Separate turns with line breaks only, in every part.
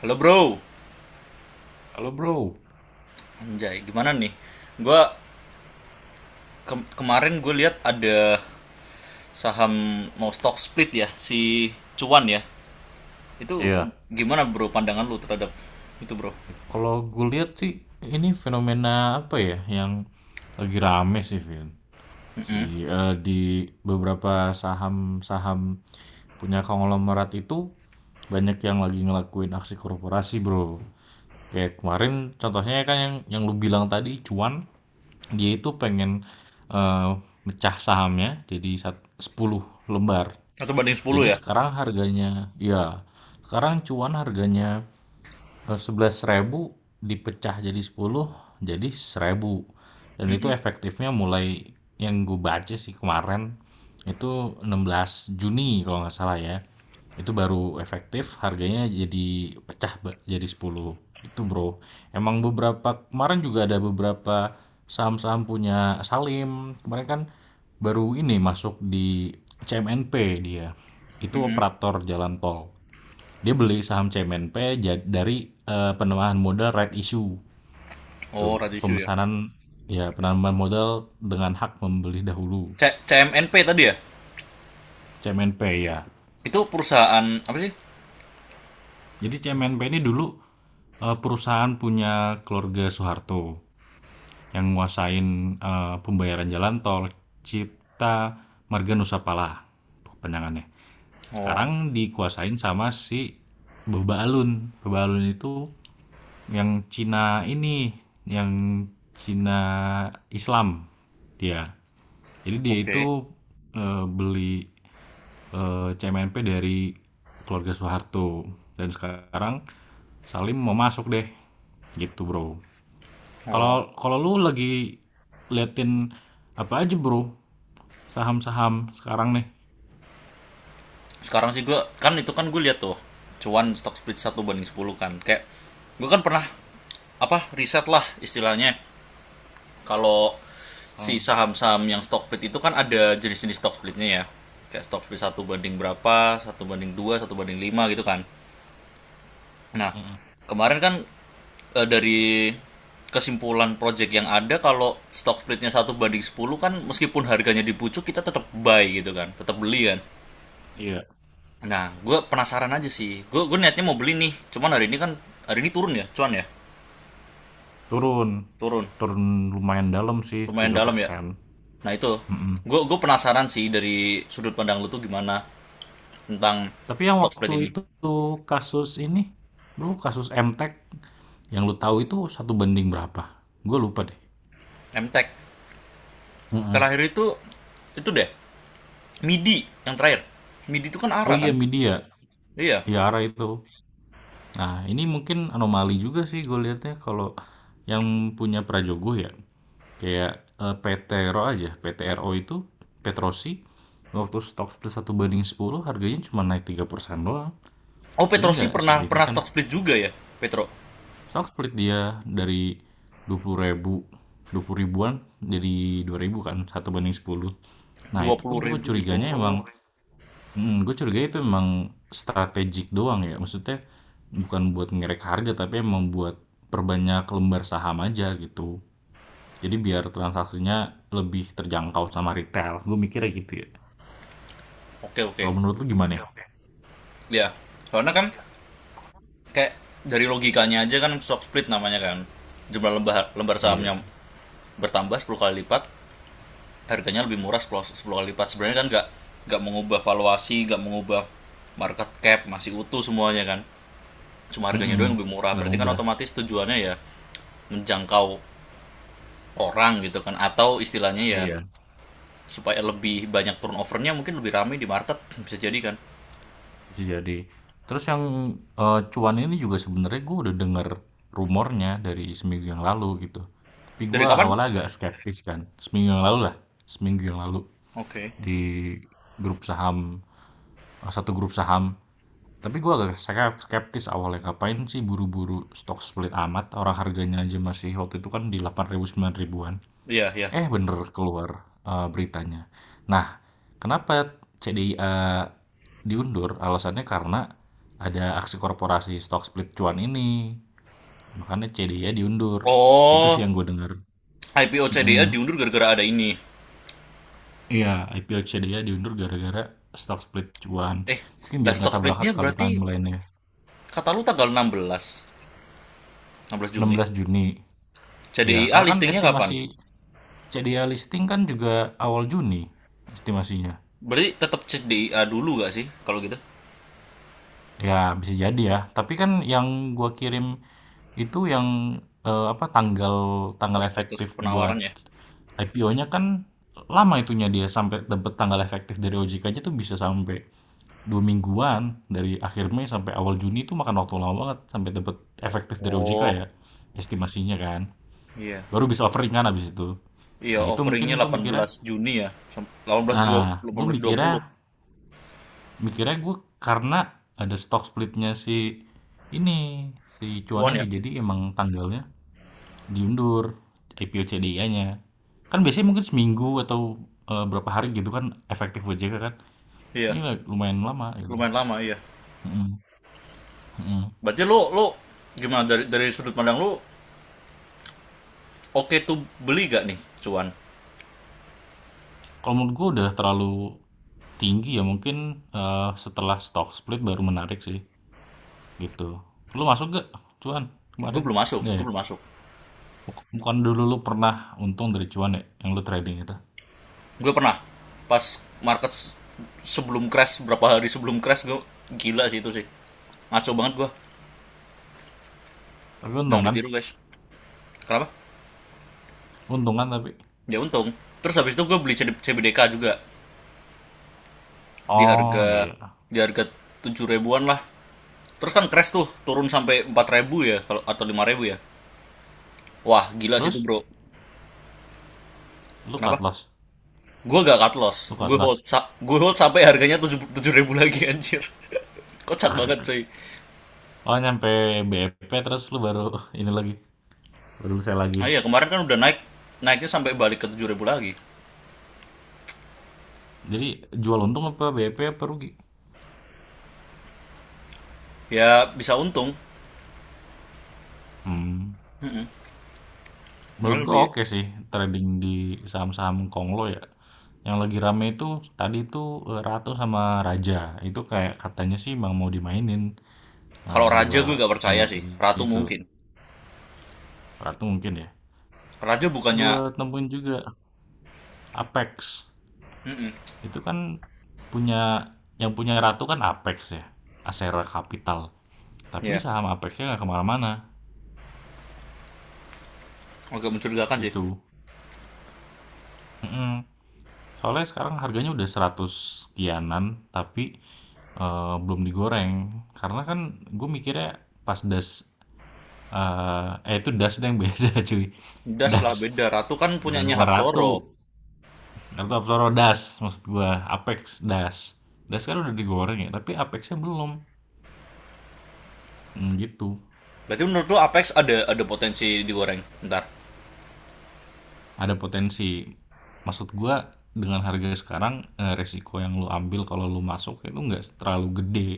Halo bro,
Halo bro,
anjay gimana nih? Gua Kemarin gue lihat ada saham mau stock split ya, si Cuan ya. Itu
Iya.
gimana bro pandangan lu terhadap itu bro?
Kalau gue lihat sih ini fenomena apa ya yang lagi rame sih, Vin.
Mm-mm.
Di beberapa saham-saham punya konglomerat itu banyak yang lagi ngelakuin aksi korporasi, bro. Kayak kemarin contohnya kan yang lu bilang tadi cuan, dia itu pengen eh, mecah sahamnya jadi 10 lembar.
Atau banding sepuluh
Jadi
ya?
sekarang harganya, ya sekarang cuan harganya 11 ribu dipecah jadi sepuluh, jadi seribu, dan itu efektifnya mulai, yang gue baca sih kemarin, itu 16 Juni kalau nggak salah ya. Itu baru efektif, harganya jadi pecah jadi 10 itu, Bro. Emang beberapa kemarin juga ada beberapa saham-saham punya Salim, kemarin kan baru ini masuk di CMNP, dia itu
Mm-mm.
operator jalan tol. Dia beli saham CMNP dari penambahan modal right issue. Tuh,
Oh, ratio ya.
pemesanan, ya penambahan modal dengan hak membeli dahulu.
CMNP tadi ya?
CMNP ya.
Itu perusahaan apa sih?
Jadi CMNP ini dulu perusahaan punya keluarga Soeharto yang nguasain pembayaran jalan tol Cipta Marga Nusa Pala penangannya.
Oh,
Sekarang dikuasain sama si Beba Alun. Beba Alun itu yang Cina ini, yang Cina Islam dia. Jadi dia
oke.
itu beli, C M N P dari keluarga Soeharto dan sekarang Salim mau masuk deh, gitu, Bro.
Oh,
Kalau kalau lu lagi liatin apa aja, Bro? Saham-saham sekarang nih.
sekarang sih gue kan itu kan gue lihat tuh cuan stock split satu banding 10 kan, kayak gue kan pernah apa riset lah istilahnya. Kalau si
Hmm,
saham-saham yang stock split itu kan ada jenis-jenis stock splitnya ya. Kayak stock split satu banding berapa, satu banding dua, satu banding lima gitu kan. Nah,
mhm.
kemarin kan dari kesimpulan project yang ada, kalau stock splitnya satu banding 10 kan meskipun harganya dipucuk kita tetap buy gitu kan, tetap beli kan,
Iya,
nah gue penasaran aja sih, gue niatnya mau beli nih, cuman hari ini kan hari ini turun ya cuan ya,
turun.
turun
Turun lumayan dalam sih
lumayan
tiga
dalam ya.
persen.
Nah itu, gue penasaran sih dari sudut pandang lu tuh gimana tentang
Tapi yang
stock split
waktu
ini.
itu kasus ini, bro, kasus Emtek yang lu tahu itu satu banding berapa? Gue lupa deh.
MTech
Heeh.
terakhir itu deh, MIDI yang terakhir. MIDI itu kan
Oh
ARA
iya,
kan?
media,
Iya.
Yara itu. Nah ini mungkin anomali juga sih gue lihatnya, kalau yang punya Prajogo ya, kayak PT RO aja, PT RO itu Petrosi, waktu stok split satu banding 10, harganya cuma naik 3% doang.
Oh,
Jadi
petro sih
nggak
pernah pernah
signifikan.
stock split juga ya. Petro.
Stock split dia dari 20 ribu, 20 ribuan jadi 2 ribu kan, satu banding 10. Nah,
Dua
itu
puluh
gue
ribu jadi.
curiganya
Oh.
emang, gue curiga itu emang strategik doang ya. Maksudnya bukan buat ngerek harga, tapi emang buat perbanyak lembar saham aja gitu. Jadi biar transaksinya lebih terjangkau sama retail. Gue mikirnya gitu ya.
Oke, oke.
Kalau menurut lu gimana ya?
Iya. Soalnya kan kayak dari logikanya aja kan stock split namanya kan. Jumlah lembar lembar
Iya.
sahamnya bertambah 10 kali lipat, harganya lebih murah 10, 10 kali lipat, sebenarnya kan nggak mengubah valuasi, nggak mengubah market cap, masih utuh semuanya kan, cuma harganya
Mm-mm.
doang yang lebih murah,
Nggak
berarti kan
ngubah.
otomatis tujuannya ya menjangkau orang gitu kan, atau istilahnya ya
Iya.
supaya lebih banyak turnovernya, mungkin lebih ramai di market, bisa jadi kan.
Bisa jadi. Terus yang, cuan ini juga sebenarnya gue udah denger rumornya dari seminggu yang lalu gitu. Tapi
Dari
gua
kapan?
awalnya agak skeptis kan, seminggu yang lalu lah, seminggu yang lalu
Oke.
di grup saham, satu grup saham. Tapi gua agak skeptis awalnya, ngapain sih buru-buru stok split amat, orang harganya aja masih waktu itu kan di 8 ribu 9 ribuan.
Iya, iya.
Eh, bener keluar beritanya. Nah, kenapa CDIA diundur? Alasannya karena ada aksi korporasi stock split cuan ini. Makanya CDIA diundur. Gitu
Oh,
sih yang gue dengar.
IPO CDA
Mm-mm.
diundur gara-gara ada ini,
Iya, IPO CDIA diundur gara-gara stock split cuan.
eh
Mungkin
lah
biar nggak
stock
tabrakan
splitnya
kali
berarti
timeline-nya.
kata lu tanggal 16, 16 Juni.
16 Juni. Ya,
CDIA
karena kan
listingnya kapan?
estimasi CDIA listing kan juga awal Juni estimasinya.
Berarti tetap C D I A dulu gak sih kalau gitu?
Ya, bisa jadi ya. Tapi kan yang gua kirim, itu yang apa, tanggal tanggal
Prospektus
efektif buat
penawaran ya?
IPO-nya kan lama itunya, dia sampai dapat tanggal efektif dari OJK aja tuh bisa sampai 2 mingguan, dari akhir Mei sampai awal Juni itu makan waktu lama banget sampai dapat efektif dari OJK
Oh.
ya, estimasinya kan
Iya.
baru bisa offering kan abis itu.
Iya,
Nah itu
offeringnya
mungkin gue
delapan
mikirnya,
belas Juni ya. 18
nah
delapan
gue
belas dua
mikirnya,
puluh.
mikirnya gue karena ada stock splitnya si ini, si cuan
Cuan
ini,
ya?
jadi emang tanggalnya diundur IPO CDI-nya. Kan biasanya mungkin seminggu atau, berapa hari gitu kan efektif OJK kan.
Iya.
Ini lumayan lama gitu.
Lumayan lama, iya.
Mhm mhm.
Berarti lo lo gimana dari sudut pandang lo, oke tuh, beli gak nih cuan?
Kalau menurut gua udah terlalu tinggi ya mungkin, setelah stock split baru menarik sih, gitu. Lu masuk gak cuan
Gue
kemarin?
belum masuk,
Nggak
gue
ya?
belum masuk.
Bukan dulu, lu pernah untung dari cuan ya, yang lu trading itu?
Gue pernah pas market sebelum crash, berapa hari sebelum crash gue, gila sih itu sih. Ngaco banget gue.
Tapi untung
Jangan
kan?
ditiru, guys. Kenapa?
Untung kan tapi?
Ya, untung. Terus habis itu gue beli CBDK juga di
Oh
harga
iya.
di harga tujuh ribuan lah. Terus kan crash tuh turun sampai empat ribu ya, kalau atau lima ribu ya, wah gila sih itu
Terus
bro.
lu
Kenapa
cut loss?
gue gak cut loss,
Lu cut
gue hold
loss?
sa- gue hold sampai harganya tujuh tujuh ribu lagi, anjir. Kocak banget cuy.
Oh, nyampe BEP terus lu baru ini lagi, baru sell lagi?
Ah, iya, kemarin kan udah naik, naiknya sampai balik ke tujuh ribu lagi.
Jadi jual untung apa BP apa rugi?
Ya, bisa untung.
Hmm, menurut
Cuman
gua
lebih.
oke sih trading di saham-saham Konglo ya. Yang lagi rame itu tadi itu Ratu sama Raja. Itu kayak katanya sih, bang, mau dimainin
Kalau raja
dua
gue gak percaya sih,
emiten
ratu
itu.
mungkin.
Ratu mungkin ya.
Raja
Gua
bukannya?
temuin juga Apex. Itu kan punya, yang punya Ratu kan Apex ya. Asera Capital. Tapi
Ya,
saham Apexnya nggak kemana-mana
agak mencurigakan sih.
gitu. Hmm, Soalnya sekarang harganya udah 100 sekianan, tapi belum digoreng karena kan gue mikirnya pas das, itu das yang beda cuy.
Das
Das,
lah beda. Ratu kan
bukan
punyanya
bukan ratu,
Hapsoro.
ratu Apsoro das, maksud gue apex. Das das kan udah digoreng ya tapi apexnya belum. Hmm, gitu,
Berarti menurut lu Apex ada potensi digoreng. Ntar.
ada potensi, maksud gue dengan harga sekarang resiko yang lu ambil kalau lu masuk itu nggak terlalu gede.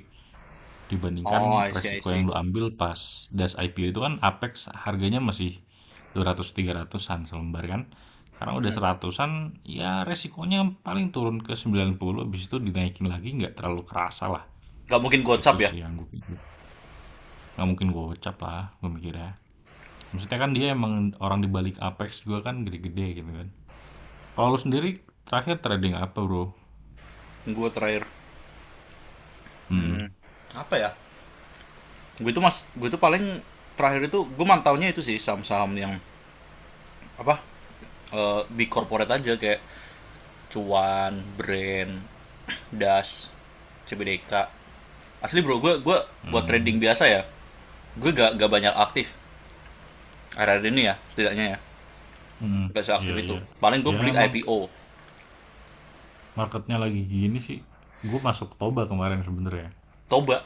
Dibandingkan
Oh, I see, I
resiko yang
see.
lu ambil pas das IPO itu, kan Apex harganya masih dua ratus tiga ratusan selembar kan. Sekarang udah seratusan, ya resikonya paling turun ke 90, habis itu dinaikin lagi nggak terlalu kerasa lah.
Gak mungkin
Gitu
gocap ya.
sih yang gue pikir. Nggak mungkin gocap lah, gue mikirnya. Maksudnya kan dia emang orang di balik Apex juga kan gede-gede gitu kan. Kalau lu sendiri terakhir trading apa, bro?
Gue terakhir.
Hmm,
Apa ya? Gue itu, mas, gue itu paling terakhir itu gue mantaunya itu sih saham-saham yang apa? Di corporate aja, kayak Cuan, Brand, Das, CBDK. Asli bro, gue buat
hmm,
trading biasa ya. Gue gak banyak aktif. Akhir-akhir ini ya, setidaknya ya.
hmm, hmm.
Gak seaktif
Iya
itu.
iya.
Paling gue
Ya
beli
emang
IPO.
marketnya lagi gini sih, gue masuk Toba kemarin sebenarnya.
Toba.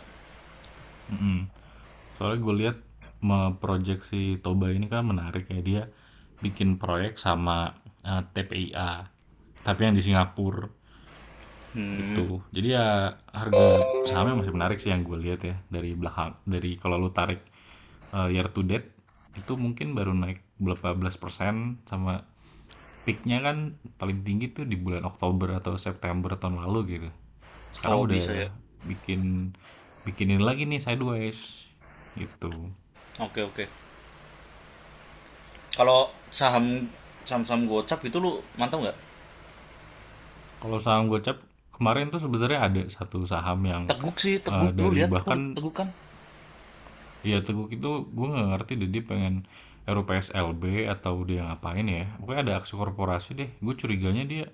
Mm-mm. Soalnya gue lihat, project si Toba ini kan menarik ya, dia bikin proyek sama TPIA tapi yang di Singapura gitu, jadi ya harga sahamnya masih menarik sih yang gue lihat ya. Dari belakang, dari kalau lu tarik year to date itu mungkin baru naik berapa belas persen. Sama peaknya kan paling tinggi tuh di bulan Oktober atau September tahun lalu gitu. Sekarang
Oh
udah
bisa ya.
bikin, bikinin lagi nih sideways gitu.
Oke, oke. Kalau saham-saham gocap itu lu mantap nggak?
Kalau saham Gocap kemarin tuh sebenarnya ada satu saham yang
Teguk sih teguk. Lu
dari
lihat kok,
bahkan,
teguk kan?
ya Teguk itu gue nggak ngerti deh, dia pengen RUPSLB atau dia ngapain ya. Pokoknya ada aksi korporasi deh. Gue curiganya dia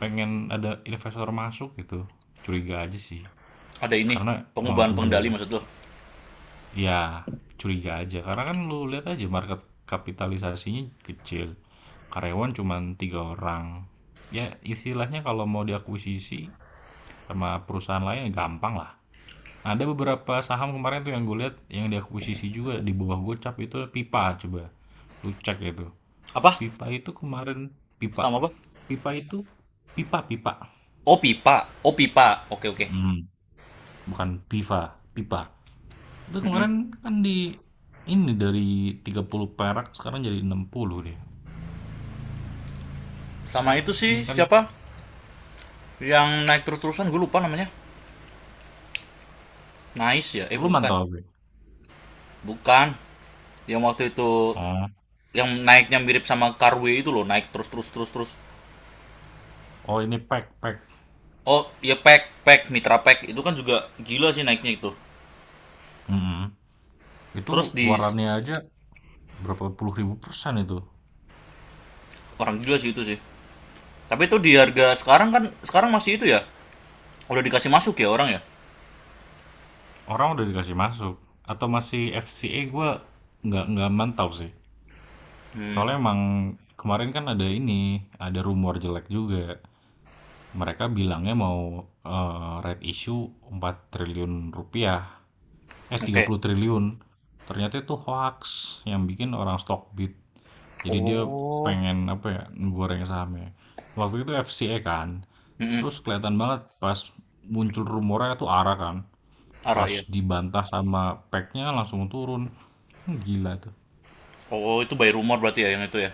pengen ada investor masuk gitu. Curiga aja sih.
Ada ini,
Karena
pengubahan
udah,
pengendali maksud lu.
ya, curiga aja. Karena kan lu lihat aja market kapitalisasinya kecil. Karyawan cuman 3 orang. Ya, istilahnya kalau mau diakuisisi sama perusahaan lain ya gampang lah. Nah, ada beberapa saham kemarin tuh yang gue lihat yang diakuisisi juga di bawah Gocap, itu Pipa, coba. Lu cek itu.
Apa?
Pipa itu kemarin.
Sama
Pipa.
apa?
Pipa itu, Pipa Pipa.
Oh, pipa. Oh, pipa. Oke, oke.
Mm, bukan Piva, Pipa. Itu kemarin kan di ini, dari 30 perak sekarang jadi 60 deh,
Sama itu sih
kan
siapa? Yang naik terus-terusan gue lupa namanya. Nice ya? Eh,
lu
bukan.
mantau gue.
Bukan. Yang waktu itu,
Oh,
yang naiknya mirip sama Carway itu loh, naik terus, terus, terus, terus.
oh ini pack pack.
Oh ya, pack, pack Mitra, pack itu kan juga gila sih naiknya itu.
mm Itu
Terus di,
warannya aja berapa puluh ribu persen itu.
orang gila sih itu sih. Tapi itu di harga sekarang kan, sekarang masih itu ya? Udah dikasih masuk ya orang ya?
Orang udah dikasih masuk atau masih FCA, gue nggak mantau sih.
Hmm,
Soalnya emang kemarin kan ada ini, ada rumor jelek juga. Mereka bilangnya mau red issue 4 triliun rupiah, eh tiga
oke.
puluh triliun. Ternyata itu hoax, yang bikin orang Stockbit. Jadi dia
Oh.
pengen apa ya, goreng sahamnya. Waktu itu FCA kan.
Mm-mm.
Terus kelihatan banget pas muncul rumornya itu ARA kan. Pas
Ya.
dibantah sama pack, langsung turun. Gila tuh.
Oh, oh, itu by rumor berarti ya yang itu ya.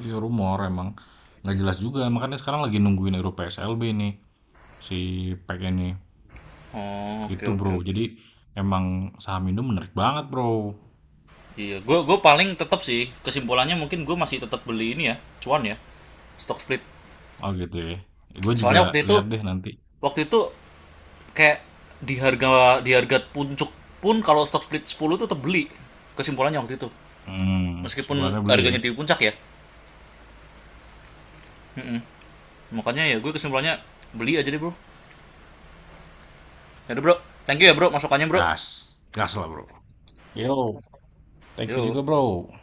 Iya, rumor emang. Nggak jelas juga. Makanya sekarang lagi nungguin Euro PSLB nih. Si pack ini.
Oh, oke,
Gitu
oke,
bro.
oke.
Jadi emang saham Indo menarik banget, bro.
Iya, gue paling tetap sih, kesimpulannya mungkin gue masih tetap beli ini ya, cuan ya, stock split.
Oh gitu ya. Gue juga
Soalnya waktu itu
lihat deh nanti.
waktu itu kayak di harga di harga puncak pun kalau stock split 10 tuh tetap beli, kesimpulannya waktu itu.
Hmm,
Meskipun
sebulannya beli ya.
harganya di puncak ya. Makanya ya gue kesimpulannya beli aja deh, Bro. Yaudah bro, thank you ya bro, masukannya bro.
Gas. Gas lah, bro. Yo, thank you juga,
Yuk.
bro.